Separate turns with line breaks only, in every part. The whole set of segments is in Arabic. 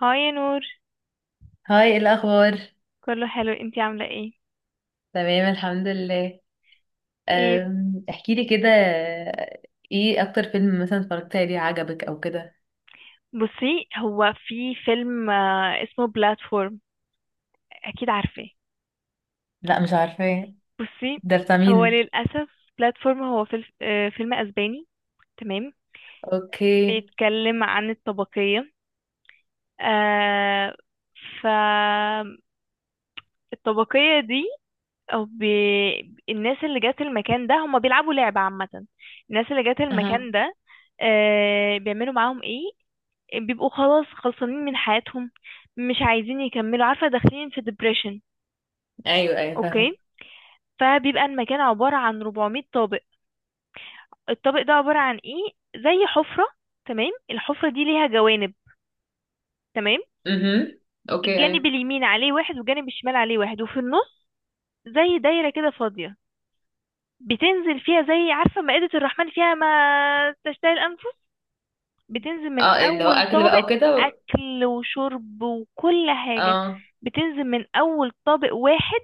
هاي يا نور.
هاي، إيه الأخبار؟
كله حلو، انتي عاملة ايه؟
تمام، الحمد لله.
ايه،
احكي لي كده. ايه أكتر فيلم مثلا اتفرجت عليه عجبك أو كده؟
بصي هو في فيلم اسمه بلاتفورم، اكيد عارفاه.
لا، مش عارفة.
بصي
ده بتاع
هو
مين؟
للأسف بلاتفورم هو فيلم اسباني، تمام.
اوكي.
بيتكلم عن الطبقية، آه فالطبقية دي او بي... الناس اللي جات المكان ده هما بيلعبوا لعبة عامة. الناس اللي جات
اها.
المكان ده بيعملوا معاهم ايه؟ بيبقوا خلاص خلصانين من حياتهم، مش عايزين يكملوا، عارفة، داخلين في depression.
ايوه، ايوه، فاهمة.
اوكي، فبيبقى المكان عبارة عن 400 طابق. الطابق ده عبارة عن ايه؟ زي حفرة، تمام. الحفرة دي ليها جوانب، تمام.
اها، اوكي،
الجانب
ايوه.
اليمين عليه واحد والجانب الشمال عليه واحد وفي النص زي دايرة كده فاضية، بتنزل فيها زي، عارفة، مائدة الرحمن فيها ما تشتهي الأنفس. بتنزل من
اه، اللي هو
أول
أكل بقى
طابق،
وكده؟
أكل وشرب وكل حاجة،
اه،
بتنزل من أول طابق واحد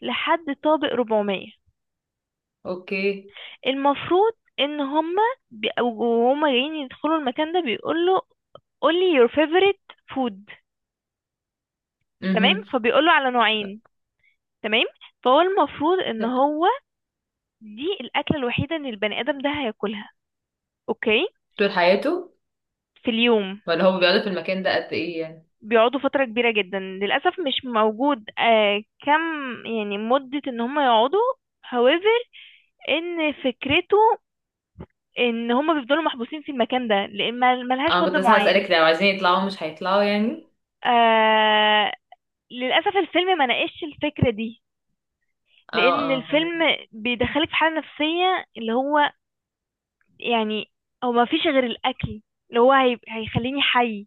لحد طابق 400.
اوكي.
المفروض ان هما وهما جايين يدخلوا المكان ده بيقول له، قول لي your favorite food. تمام،
اها.
فبيقول له على نوعين، تمام. فهو المفروض ان هو دي الاكله الوحيده ان البني ادم ده هياكلها، اوكي،
طول حياته؟
في اليوم.
ولا هو بيقعدوا في المكان ده قد ايه يعني؟
بيقعدوا فتره كبيره جدا، للاسف مش موجود كم يعني مده ان هم يقعدوا. however، ان فكرته ان هم بيفضلوا محبوسين في المكان ده لان ملهاش
اه، كنت
مده
لسه
معينه.
هسألك، لو عايزين يطلعوا مش هيطلعوا يعني؟
آه للأسف الفيلم ما ناقشش الفكرة دي،
اه،
لأن
اه،
الفيلم
فاهمة.
بيدخلك في حالة نفسية، اللي هو يعني هو ما فيش غير الأكل اللي هو هيخليني حي،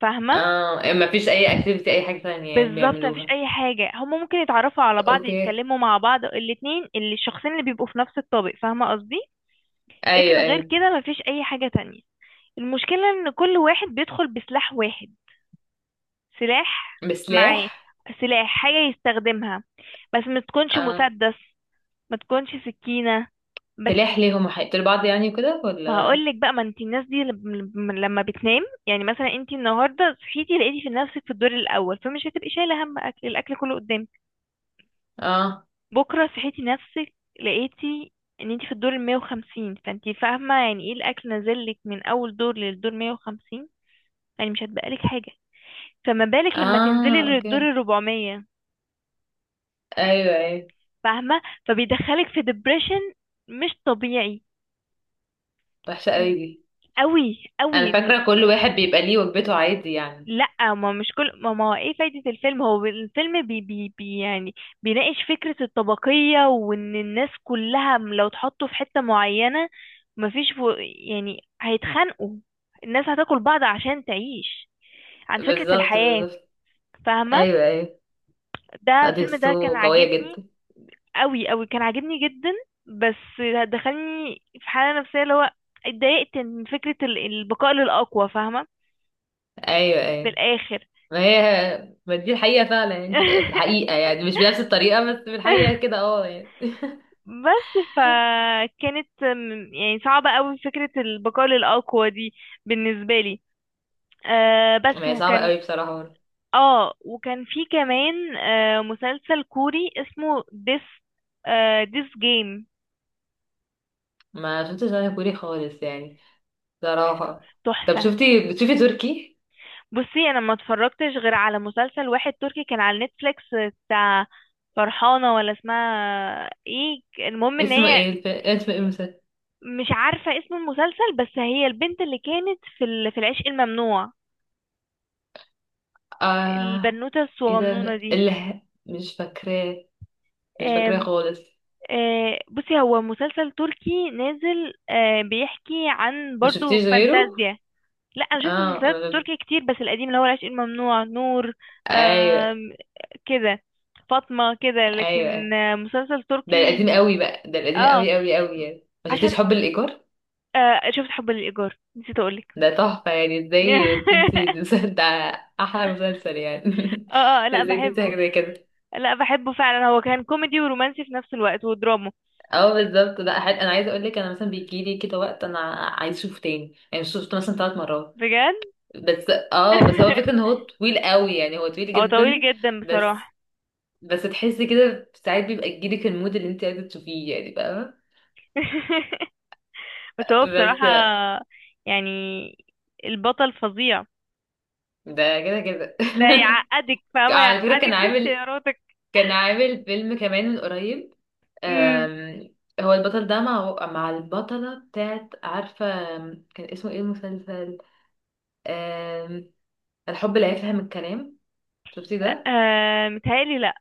فاهمة.
اه، ما فيش اي اكتيفيتي، اي حاجة تانية يعني
بالظبط ما فيش
بيعملوها؟
أي حاجة، هما ممكن يتعرفوا على بعض،
اوكي،
يتكلموا مع بعض، الاتنين اللي الشخصين اللي بيبقوا في نفس الطابق، فاهمة قصدي. لكن
ايوه،
غير
ايوه.
كده ما فيش أي حاجة تانية. المشكلة إن كل واحد بيدخل بسلاح واحد، سلاح معاه،
بسلاح؟
سلاح، حاجة يستخدمها، بس ما تكونش
اه،
مسدس، ما تكونش سكينة، بس.
سلاح ليه؟ هما هيقتلوا بعض يعني وكده
ما
ولا؟
هقولك بقى، ما انت الناس دي لما بتنام، يعني مثلا انت النهارده صحيتي لقيتي في نفسك في الدور الاول، فمش هتبقي شايله هم اكل، الاكل كله قدامك.
اه،
بكره صحيتي نفسك، لقيتي ان انت في الدور ال 150، فانت فاهمه يعني ايه الاكل نازلك من اول دور للدور 150، يعني مش هتبقالك حاجه. فما بالك لما تنزلي
اه،
للدور
اوكي،
ال 400،
ايوه، ايوه.
فاهمه، فبيدخلك في ديبريشن مش طبيعي.
وحشه قوي
إن-
دي.
قوي
انا
قوي.
فاكره كل واحد بيبقى ليه وجبته، عادي يعني.
لا، ما مش كل ما هو ايه فايدة الفيلم، هو الفيلم بي بي بي يعني بيناقش فكرة الطبقية، وان الناس كلها لو اتحطوا في حتة معينة مفيش فو يعني هيتخانقوا، الناس هتاكل بعض عشان تعيش، عن فكرة
بالظبط،
الحياة،
بالظبط،
فاهمة.
ايوه، ايوه.
ده
لا، دي
الفيلم ده كان
قصته قويه
عاجبني،
جدا.
قوي قوي، كان عاجبني جدا. بس دخلني في حالة نفسية، اللي هو اتضايقت من فكرة البقاء للأقوى، فاهمة،
ايوه، ايوه.
بالآخر.
ما هي، ما دي الحقيقه فعلا يعني، في الحقيقه يعني، مش بنفس الطريقه، بس في الحقيقه كده، اه يعني.
بس فكانت يعني صعبة قوي فكرة البقاء للأقوى دي بالنسبة لي.
ما
بس،
هي صعبه
وكان
قوي بصراحه.
اه وكان في كمان مسلسل كوري اسمه ديس، ديس جيم،
ما شفتش انا كوري خالص يعني، بصراحه. طب
تحفة.
شفتي، بتشوفي تركي؟
بصي انا ما اتفرجتش غير على مسلسل واحد تركي كان على نتفليكس، بتاع فرحانة ولا اسمها ايه، المهم ان
اسمه
هي
ايه اسم ايه المسلسل؟
مش عارفة اسم المسلسل، بس هي البنت اللي كانت في في العشق الممنوع،
اه،
البنوتة
ايه ده
الصغنونة دي.
مش فاكراه. مش فاكراه
آم،
خالص.
بصي هو مسلسل تركي نازل، بيحكي عن
ما
برضو
شفتيش غيره؟
فانتازيا. لا انا شفت
اه،
مسلسلات تركي كتير، بس القديم اللي هو العشق الممنوع، نور،
ايوه،
آم، كده، فاطمة كده، لكن
ايوه.
مسلسل
ده
تركي.
القديم قوي بقى، ده القديم
اه،
قوي قوي قوي يعني. ما
عشان
شفتيش حب الايجار؟
شفت حب للإيجار، نسيت اقولك.
ده تحفه يعني. ازاي تنسي المسلسل ده؟ احلى مسلسل يعني.
اه، لا
ازاي تنسي
بحبه،
حاجه زي كده؟
لا بحبه فعلا. هو كان كوميدي ورومانسي في نفس الوقت ودراما،
اه، بالظبط. لا حل... انا عايزه اقول لك، انا مثلا بيجي لي كده وقت انا عايز اشوفه تاني يعني، شفته مثلا 3 مرات.
بجد.
بس اه، بس هو الفكرة ان هو طويل قوي يعني، هو طويل
هو طويل
جدا.
جدا
بس
بصراحة.
بس تحسي كده، ساعات بيبقى يجيلك المود اللي انت عايزة تشوفيه يعني، فاهمة.
بس هو بصراحة
بس
يعني البطل فظيع،
ده كده كده.
ده يعقدك، فاهمة،
على فكرة كان
يعقدك في
عامل
اختياراتك.
كان عامل فيلم كمان من قريب.
امم
أم... هو البطل ده مع البطلة بتاعت، عارفة. كان اسمه ايه المسلسل؟ أم... الحب لا يفهم الكلام، شفتي
آه
ده؟
متهيألي لأ.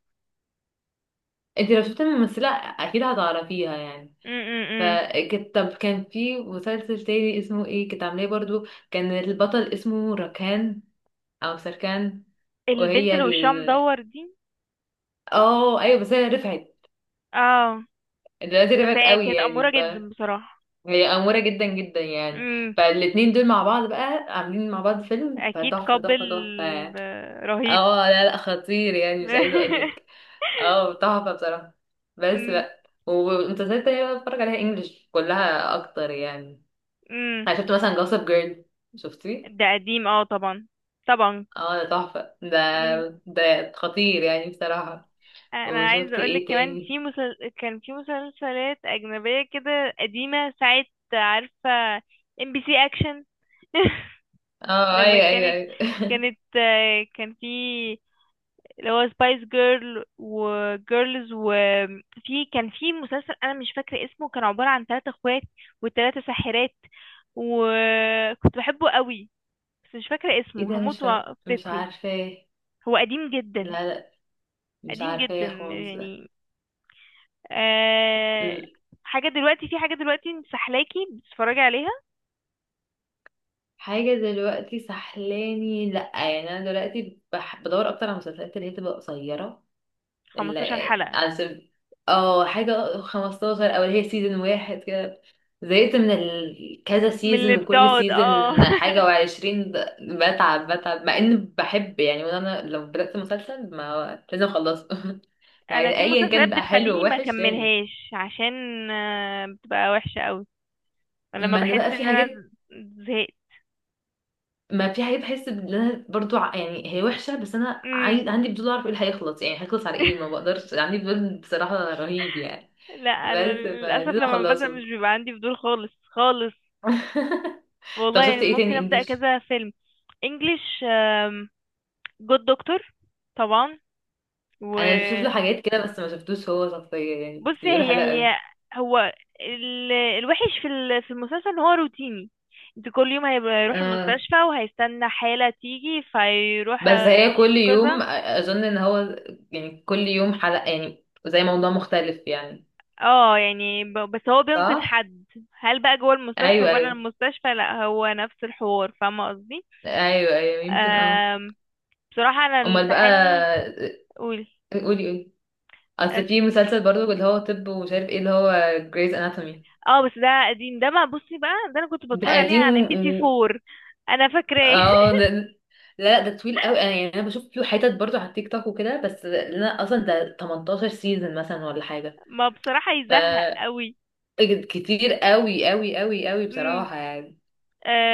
انت لو شفتي الممثلة اكيد هتعرفيها يعني.
امم
فكنت، طب كان في مسلسل تاني اسمه ايه كنت عاملاه برضو. كان البطل اسمه ركان، او سركان.
البنت
وهي
اللي وشها مدور دي.
اه، ايوه، بس هي رفعت.
اه،
دلوقتي
بس
رفعت
هي
قوي
كانت أمورة
يعني.
جدا بصراحة.
فهي أمورة جدا جدا يعني.
امم
فالاتنين دول مع بعض بقى، عاملين مع بعض فيلم،
أكيد
فتحفة
قابل،
تحفة تحفة يعني.
رهيب.
اه، لا لا، خطير يعني، مش عايزة اقولك. اه، تحفة بصراحة. بس
امم
بقى. ومسلسلات تانية بقى بتفرج عليها انجلش كلها اكتر يعني.
أمم.
انا شفت مثلا جوسب جيرل، شفتيه؟
ده قديم، اه، طبعا طبعا.
اه، ده تحفة ده خطير يعني بصراحة.
انا عايزه
وشفت
اقول لك
ايه
كمان في
تاني؟
كان في مسلسلات اجنبيه كده قديمه ساعه، عارفه، ام بي سي اكشن.
اه،
لما
ايوه، ايوه،
كانت،
ايوه.
كانت كان في اللي هو سبايس جيرل وجيرلز، وفي كان في مسلسل انا مش فاكره اسمه، كان عباره عن ثلاثة اخوات وثلاثة ساحرات، وكنت بحبه قوي، بس مش فاكره
ايه
اسمه،
ده
هموت
مش
وافتكره.
عارفاه.
هو قديم جدا،
لا لا، مش
قديم جدا
عارفاه خالص ده.
يعني. آه
ال-
حاجة دلوقتي، في حاجة دلوقتي مسحلاكي بتتفرجي عليها؟
حاجة دلوقتي سحلاني؟ لا يعني، انا دلوقتي بدور اكتر على المسلسلات اللي هي تبقى قصيرة.
15 حلقة،
عشان، اه حاجة 15، او اللي هي سيزون واحد كده. زهقت من كذا
من
سيزون،
اللي
وكل
بتقعد،
سيزون
اه.
حاجة وعشرين، بتعب بتعب، مع اني بحب يعني. وانا لو بدأت مسلسل ما لازم اخلصه. يعني
انا في
ايا
مسلسلات
كان بقى، حلو
بتخليني ما
ووحش، لازم.
اكملهاش، عشان بتبقى وحشة قوي لما
ما انا
بحس
بقى في
ان
حاجات،
انا زهقت.
ما في حاجات بحس ان انا برضو يعني هي وحشه، بس انا
امم
عايز، عندي فضول اعرف ايه اللي هيخلص يعني، هيخلص على ايه. ما بقدرش، عندي فضول بصراحه رهيب يعني.
لا
بس
انا للاسف
فلازم
لما بزهق
اخلصه.
مش بيبقى عندي فضول خالص خالص.
طب
والله يعني
شفت ايه
ممكن
تاني
ابدا
انجلش؟
كذا فيلم. انجلش، جود دكتور، طبعا.
انا بشوف له حاجات كده، بس ما شفتوش هو شخصيا يعني، بس
بصي
بيقولوا
هي
حلو
هي
قوي.
هو الوحش في في المسلسل ان هو روتيني. انت كل يوم هيروح
آه.
المستشفى وهيستنى حالة تيجي فيروح
بس هي كل يوم،
ينقذها.
اظن ان هو يعني كل يوم حلقة، يعني زي موضوع مختلف يعني.
اه، يعني بس هو بينقذ
صح.
حد، هل بقى جوه المستشفى
ايوه،
بره
ايوه،
المستشفى؟ لا، هو نفس الحوار، فاهمة قصدي.
ايوه، ايوه، يمكن اه.
آم، بصراحة انا اللي
امال بقى؟
سحلني، قول.
قولي، قولي. اصل في مسلسل برضو اللي هو طب ومش عارف ايه، اللي هو جريز اناتومي.
اه بس ده قديم، ده ما بصي بقى، ده انا كنت
ده
بتفرج عليه
قديم،
على ام بي سي 4، انا فاكراه.
اه. ده، لا لا، ده طويل قوي انا يعني، انا بشوف له حتت برضو على التيك توك وكده، بس انا اصلا ده 18 سيزون مثلا ولا حاجه.
ما بصراحة
ف
يزهق قوي.
كتير قوي قوي قوي قوي بصراحه يعني.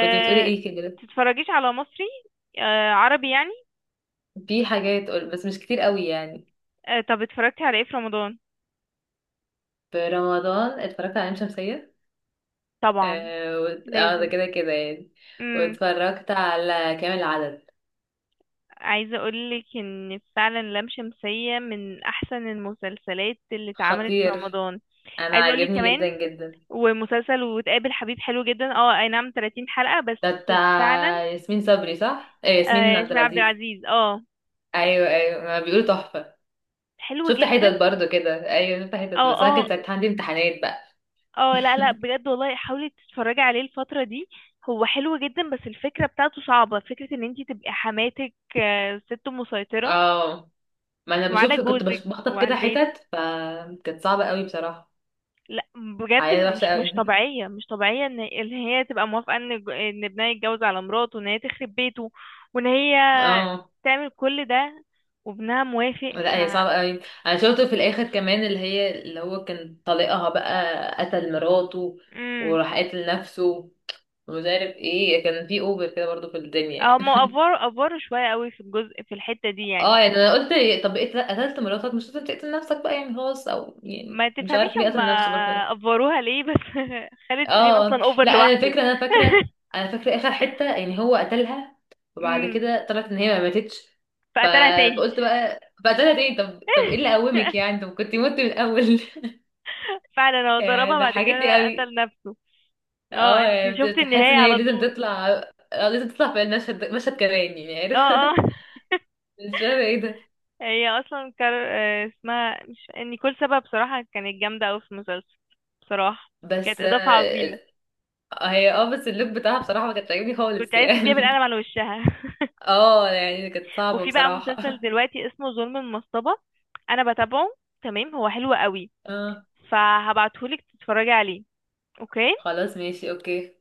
كنت بتقولي ايه كده؟
تتفرجيش على مصري؟ عربي يعني.
في حاجات بس مش كتير قوي يعني.
طب اتفرجتي على ايه في رمضان؟
في رمضان اتفرجت على لام شمسيه.
طبعا
اه آه، ده
لازم.
كده كده يعني.
امم
واتفرجت على كامل العدد.
عايزه اقولك ان فعلا لام شمسيه من احسن المسلسلات اللي اتعملت في
خطير.
رمضان.
انا
عايزه اقولك
عاجبني جدا
كمان،
جدا.
ومسلسل وتقابل حبيب حلو جدا، اه اي نعم 30 حلقه
ده
بس
بتاع
فعلا.
ياسمين صبري، صح؟ آه،
آه
ياسمين عبد
ياسمين عبد
العزيز.
العزيز، اه،
ايوه، ايوه، ما بيقولوا تحفه.
حلو
شفت
جدا.
حتت برضو كده، ايوه شفت حتت،
اه،
بس انا كنت ساعتها عندي امتحانات بقى.
اه لا لا بجد والله حاولي تتفرجي عليه الفترة دي، هو حلو جدا. بس الفكرة بتاعته صعبة، فكرة ان انتي تبقي حماتك ست مسيطرة
اه، ما انا
وعلى
بشوف، كنت
جوزك
بخطف
وعلى
كده
البيت.
حتت، فكانت صعبة قوي بصراحة.
لا بجد
حياة وحشة
مش
قوي.
مش طبيعية، مش طبيعية ان هي تبقى موافقة ان ان ابنها يتجوز على مراته وان هي تخرب بيته وان هي
اه،
تعمل كل ده وابنها موافق،
لا
ف
هي صعبة قوي. انا شفته في الاخر كمان، اللي هو كان طليقها بقى، قتل مراته.
امم
وراح قاتل نفسه. ومش عارف ايه، كان في اوفر كده برضو في الدنيا
اه، ما
يعني.
افوروا افوروا شوية قوي في الجزء في الحتة دي يعني،
اه يعني، انا قلت، طب إيه، قتلت مراتك مش لازم تقتل نفسك بقى يعني، خلاص. او يعني
ما
مش
تفهميش
عارف ليه
هم
قتل نفسه برضه.
افوروها ليه بس. خالد سليم
اه،
اصلا اوفر
لا، انا
لوحده.
الفكره، انا فاكره انا فاكره اخر حته يعني، هو قتلها. وبعد
امم
كده طلعت ان هي ما ماتتش. ف...
فقتلها تاني.
فقلت بقى، فقتلها تاني. طب ايه اللي قومك يعني، طب كنت مت من الاول.
فعلا هو
يعني
ضربها بعد
ضحكتني
كده
قوي.
قتل نفسه. اه،
اه
انت
يعني،
شفتي
بتحس
النهاية
ان هي
على
لازم
طول؟
تطلع. اه، لازم تطلع في المشهد ده، مشهد كمان يعني،
اه
عارف.
اه.
مش فاهمه ايه ده.
هي اصلا كار... آه، اسمها مش نيكول سابا بصراحة، كانت جامدة اوي في المسلسل بصراحة، كانت
بس
اضافة عظيمة.
هي، اه، بس اللوك بتاعها بصراحه ما كانت عاجبني
كنت
خالص
عايز تديها
يعني.
بالقلم على وشها.
اه يعني، كانت صعبه
وفي بقى
بصراحه.
مسلسل دلوقتي اسمه ظلم المصطبة، انا بتابعه، تمام، هو حلو قوي،
اه،
فهبعتهولك تتفرجي عليه. اوكي.
خلاص، ماشي، اوكي.